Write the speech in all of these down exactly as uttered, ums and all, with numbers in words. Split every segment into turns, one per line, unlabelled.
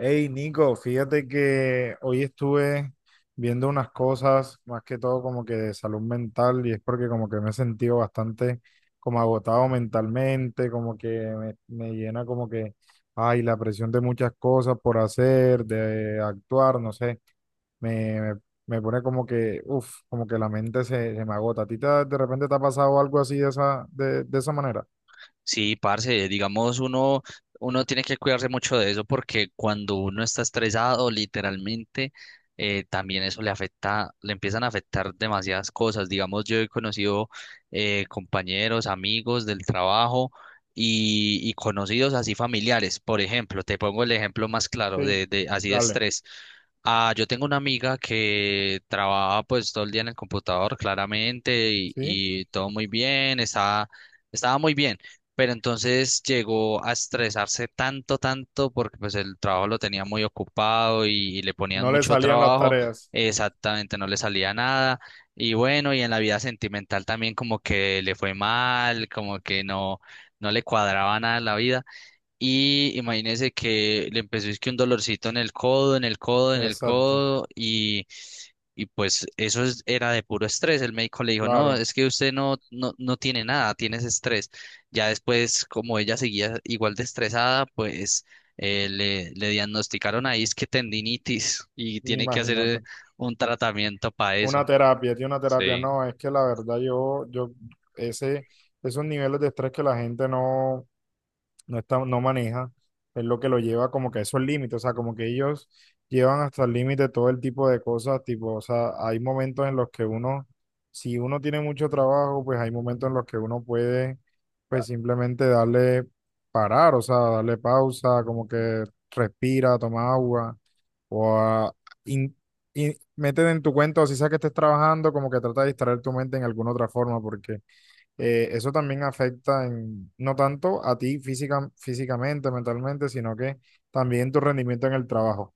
Hey Nico, fíjate que hoy estuve viendo unas cosas, más que todo como que de salud mental, y es porque como que me he sentido bastante como agotado mentalmente, como que me, me llena como que, ay, la presión de muchas cosas por hacer, de actuar, no sé, me, me, me pone como que, uff, como que la mente se, se me agota. ¿A ti te- de repente te ha pasado algo así de esa, de, de esa manera?
Sí, parce, digamos, uno, uno tiene que cuidarse mucho de eso porque cuando uno está estresado, literalmente, eh, también eso le afecta, le empiezan a afectar demasiadas cosas. Digamos, yo he conocido eh, compañeros, amigos del trabajo y, y conocidos así familiares. Por ejemplo, te pongo el ejemplo más claro de,
Sí.
de así de
Dale,
estrés. Ah, yo tengo una amiga que trabaja pues todo el día en el computador, claramente, y,
sí,
y todo muy bien, está, estaba muy bien, pero entonces llegó a estresarse tanto, tanto, porque pues el trabajo lo tenía muy ocupado y, y le ponían
no le
mucho
salían las
trabajo,
tareas.
exactamente no le salía nada. Y bueno, y en la vida sentimental también como que le fue mal, como que no, no le cuadraba nada en la vida. Y imagínese que le empezó es que un dolorcito en el codo, en el codo, en el
Exacto.
codo, y, y pues eso es- era de puro estrés. El médico le dijo, no,
Claro,
es que usted no, no, no tiene nada, tienes estrés. Ya después, como ella seguía igual de estresada, pues eh, le, le diagnosticaron ahí es que tendinitis y tiene que hacer
imagínate.
eh, un tratamiento para
Una
eso.
terapia, tiene una terapia.
Sí.
No, es que la verdad yo, yo, ese, esos niveles de estrés que la gente no, no está, no maneja, es lo que lo lleva como que a esos límites. O sea, como que ellos llevan hasta el límite todo el tipo de cosas, tipo, o sea, hay momentos en los que uno, si uno tiene mucho trabajo, pues hay momentos en los que uno puede, pues simplemente darle parar, o sea, darle pausa, como que respira, toma agua. O in- in- meten en tu cuenta, o si sea que estés trabajando, como que trata de distraer tu mente en alguna otra forma, porque eh, eso también afecta en, no tanto a ti física, físicamente, mentalmente, sino que también tu rendimiento en el trabajo.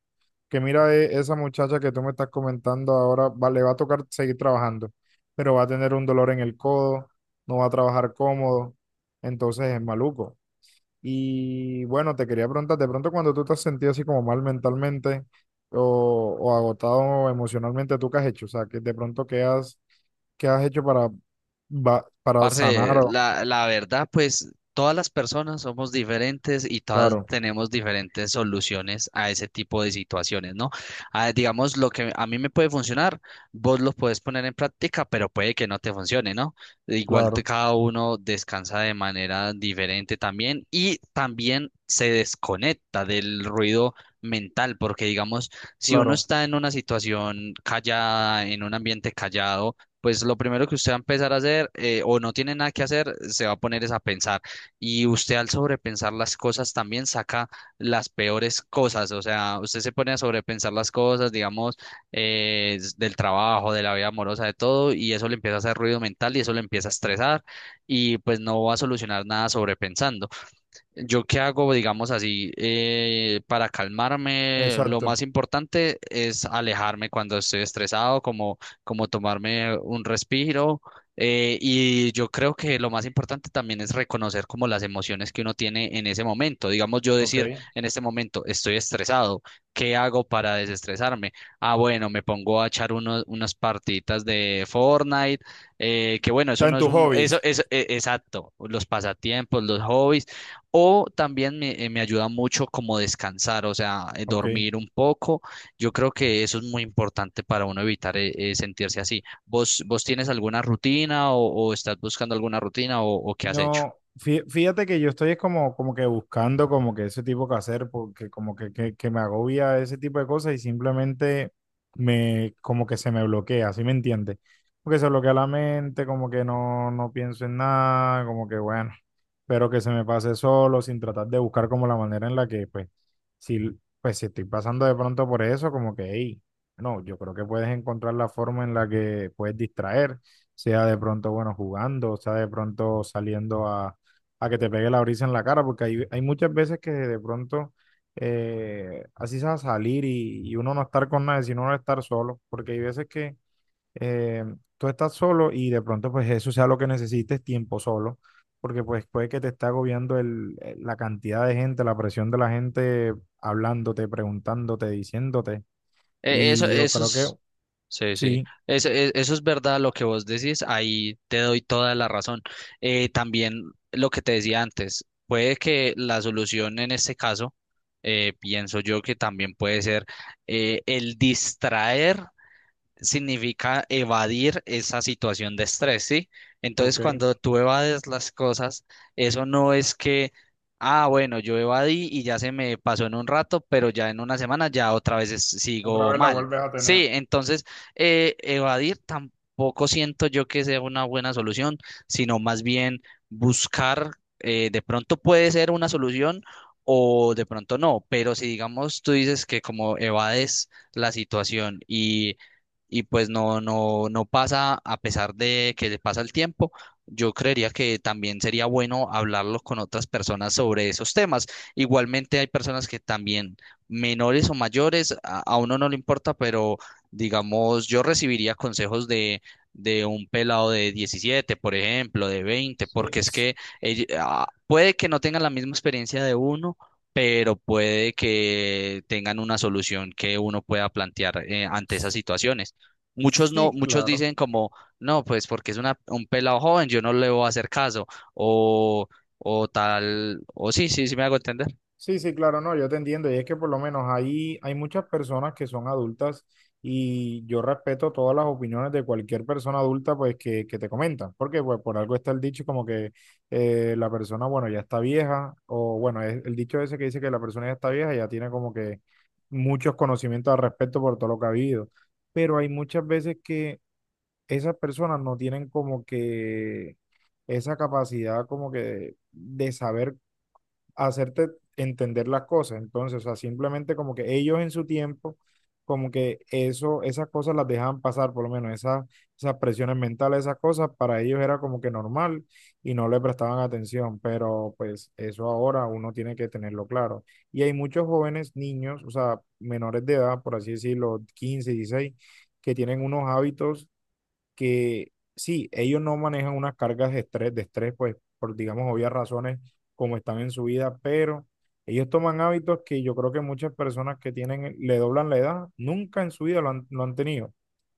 Que mira, eh, esa muchacha que tú me estás comentando ahora, va, le va a tocar seguir trabajando, pero va a tener un dolor en el codo, no va a trabajar cómodo, entonces es maluco. Y bueno, te quería preguntar, de pronto cuando tú te has sentido así como mal mentalmente o, o agotado emocionalmente, ¿tú qué has hecho? O sea, que de pronto qué has, qué has, hecho para, va- para sanar
Parce,
o...
la, la verdad, pues todas las personas somos diferentes y todas
Claro,
tenemos diferentes soluciones a ese tipo de situaciones, ¿no? Ah, digamos, lo que a mí me puede funcionar, vos lo puedes poner en práctica, pero puede que no te funcione, ¿no? Igual te-
claro,
cada uno descansa de manera diferente también y también se desconecta del ruido mental, porque digamos, si uno
claro,
está en una situación callada, en un ambiente callado, pues lo primero que usted va a empezar a hacer, eh, o no tiene nada que hacer, se va a poner es a pensar. Y usted al sobrepensar las cosas también saca las peores cosas, o sea, usted se pone a sobrepensar las cosas, digamos, eh, s- del trabajo, de la vida amorosa, de todo, y eso le empieza a hacer ruido mental y eso le empieza a estresar y pues no va a solucionar nada sobrepensando. Yo qué hago, digamos así, eh, para calmarme, lo
exacto.
más importante es alejarme cuando estoy estresado, como, como tomarme un respiro. Eh, y yo creo que lo más importante también es reconocer como las emociones que uno tiene en ese momento. Digamos, yo
Ok.
decir en este momento estoy estresado, ¿qué hago para desestresarme? Ah, bueno, me pongo a echar unos, unas partiditas de Fortnite, eh, que bueno, eso
Está
no
en
es
tus
un, eso,
hobbies.
eso, e- exacto, los pasatiempos, los hobbies, o también me, eh, me ayuda mucho como descansar, o sea, eh,
Ok.
dormir un poco. Yo creo que eso es muy importante para uno evitar eh, eh, sentirse así. ¿Vos, vos tienes alguna rutina o, o estás buscando alguna rutina o, o qué has hecho?
No, fí- fíjate que yo estoy es como, como que buscando como que ese tipo que hacer, porque como que, que, que me agobia ese tipo de cosas y simplemente me, como que se me bloquea, ¿sí me entiendes? Porque se bloquea la mente, como que no, no pienso en nada, como que bueno, pero que se me pase solo, sin tratar de buscar como la manera en la que, pues, si, pues, si estoy pasando de pronto por eso, como que, hey, no, yo creo que puedes encontrar la forma en la que puedes distraer sea de pronto, bueno, jugando, o sea de pronto saliendo a, a que te pegue la brisa en la cara, porque hay, hay muchas veces que de pronto eh, así se va a salir y, y uno no estar con nadie, sino uno estar solo, porque hay veces que eh, tú estás solo y de pronto pues eso sea lo que necesites, tiempo solo, porque pues puede que te esté agobiando el, el- la cantidad de gente, la presión de la gente hablándote, preguntándote, diciéndote.
Eh, eso,
Y yo
eso
creo que...
es, sí, sí.
Sí.
Eso, e- eso es verdad lo que vos decís. Ahí te doy toda la razón. Eh, también lo que te decía antes, puede que la solución en este caso, eh, pienso yo que también puede ser, eh, el distraer significa evadir esa situación de estrés, ¿sí? Entonces,
Ok.
cuando tú evades las cosas, eso no es que, ah, bueno, yo evadí y ya se me pasó en un rato, pero ya en una semana ya otra vez es-
Otra
sigo
vez la
mal.
vuelves a
Sí,
tener.
entonces, eh, evadir tampoco siento yo que sea una buena solución, sino más bien buscar, eh, de pronto puede ser una solución. O de pronto no, pero si digamos tú dices que como evades la situación y y pues no, no, no pasa a pesar de que le pasa el tiempo. Yo creería que también sería bueno hablarlo con otras personas sobre esos temas. Igualmente hay personas que también, menores o mayores, a, a uno no le importa, pero digamos, yo recibiría consejos de, de un pelado de diecisiete, por ejemplo, de veinte, porque
Sí.
es que ell- ah, puede que no tengan la misma experiencia de uno, pero puede que tengan una solución que uno pueda plantear eh, ante esas situaciones. Muchos no,
Sí,
muchos
claro.
dicen como, no, pues porque es una, un pelado joven, yo no le voy a hacer caso, o, o tal, o sí, sí, sí me hago entender.
Sí, sí, claro, no, yo te entiendo. Y es que por lo menos ahí hay muchas personas que son adultas y yo respeto todas las opiniones de cualquier persona adulta pues que, que te comentan. Porque pues por algo está el dicho como que eh, la persona, bueno, ya está vieja o bueno, es el dicho ese que dice que la persona ya está vieja ya tiene como que muchos conocimientos al respecto por todo lo que ha vivido. Pero hay muchas veces que esas personas no tienen como que esa capacidad como que de saber hacerte entender las cosas. Entonces, o sea, simplemente como que ellos en su tiempo, como que eso, esas cosas las dejaban pasar, por lo menos esas, esas presiones mentales, esas cosas, para ellos era como que normal y no le prestaban atención, pero pues eso ahora uno tiene que tenerlo claro. Y hay muchos jóvenes, niños, o sea, menores de edad, por así decirlo, quince dieciséis, que tienen unos hábitos que sí, ellos no manejan unas cargas de estrés, de estrés, pues por, digamos, obvias razones como están en su vida, pero ellos toman hábitos que yo creo que muchas personas que tienen, le doblan la edad, nunca en su vida lo han, lo han tenido.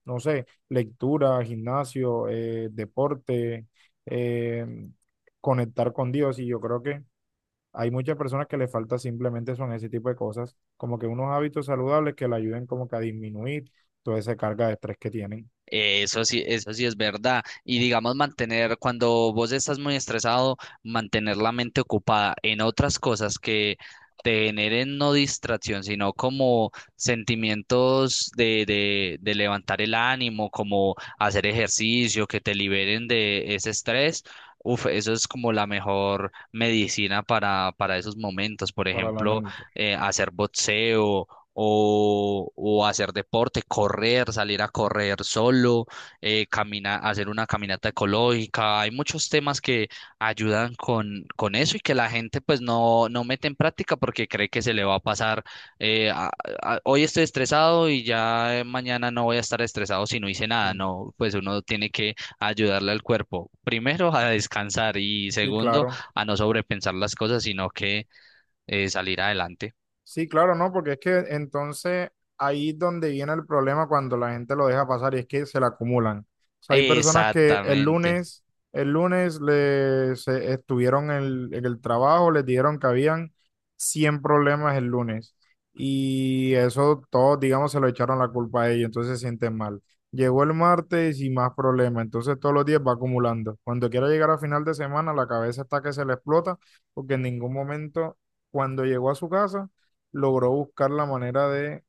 No sé, lectura, gimnasio, eh, deporte, eh, conectar con Dios y yo creo que hay muchas personas que les falta simplemente son ese tipo de cosas, como que unos hábitos saludables que le ayuden como que a disminuir toda esa carga de estrés que tienen
Eh, Eso sí, eso sí es verdad. Y digamos, mantener, cuando vos estás muy estresado, mantener la mente ocupada en otras cosas que te generen no distracción, sino como sentimientos de, de, de levantar el ánimo, como hacer ejercicio, que te liberen de ese estrés. Uf, eso es como la mejor medicina para, para esos momentos. Por
para la
ejemplo,
mente.
eh, hacer boxeo o, o hacer deporte, correr, salir a correr solo, eh, camina- hacer una caminata ecológica. Hay muchos temas que ayudan con, con eso y que la gente pues no, no mete en práctica porque cree que se le va a pasar, eh, a- a- hoy estoy estresado y ya, eh, mañana no voy a estar estresado si no hice nada.
Sí,
No, pues uno tiene que ayudarle al cuerpo, primero a descansar y
sí,
segundo
claro.
a no sobrepensar las cosas, sino que eh, salir adelante.
Sí, claro, no, porque es que entonces ahí es donde viene el problema cuando la gente lo deja pasar y es que se la acumulan. O sea, hay personas que el
Exactamente.
lunes, el lunes les, se- estuvieron en el, en el trabajo, les dijeron que habían cien problemas el lunes y eso todos, digamos, se lo echaron la culpa a ellos, entonces se sienten mal. Llegó el martes y más problemas, entonces todos los días va acumulando. Cuando quiera llegar a final de semana, la cabeza está que se le explota porque en ningún momento, cuando llegó a su casa, logró buscar la manera de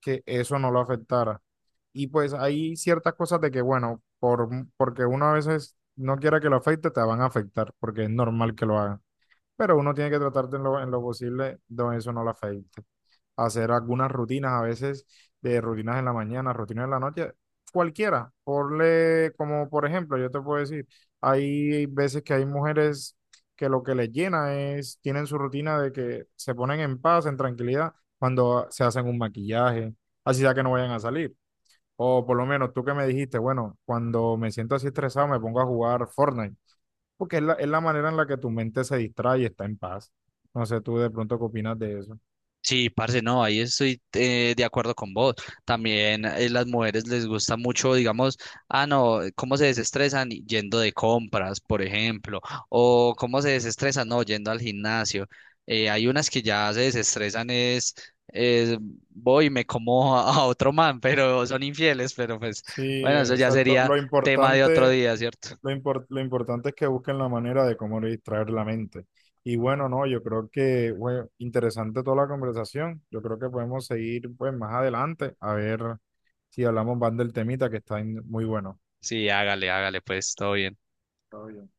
que eso no lo afectara. Y pues hay ciertas cosas de que, bueno, por, porque uno a veces no quiera que lo afecte, te van a afectar, porque es normal que lo hagan. Pero uno tiene que tratar de en lo, en lo posible de eso no lo afecte hacer algunas rutinas, a veces de rutinas en la mañana, rutinas en la noche, cualquiera. Ponle, como por ejemplo, yo te puedo decir, hay veces que hay mujeres que lo que les llena es, tienen su rutina de que se ponen en paz, en tranquilidad, cuando se hacen un maquillaje, así sea que no vayan a salir. O por lo menos tú que me dijiste, bueno, cuando me siento así estresado me pongo a jugar Fortnite, porque es la, es la manera en la que tu mente se distrae y está en paz. No sé, tú de pronto qué opinas de eso.
Sí, parce, no, ahí estoy eh, de acuerdo con vos. También eh, las mujeres les gusta mucho, digamos, ah, no, cómo se desestresan yendo de compras, por ejemplo, o cómo se desestresan, no, yendo al gimnasio. Eh, hay unas que ya se desestresan, es, es voy y me como a, a otro man, pero son infieles, pero pues,
Sí,
bueno, eso ya
exacto.
sería
Lo
tema de otro
importante,
día, ¿cierto?
lo impor- lo importante es que busquen la manera de cómo distraer la mente. Y bueno, no, yo creo que, bueno, interesante toda la conversación. Yo creo que podemos seguir pues más adelante a ver si hablamos más del temita que está en- muy bueno.
Sí, hágale, hágale, pues, todo bien.
Está bien.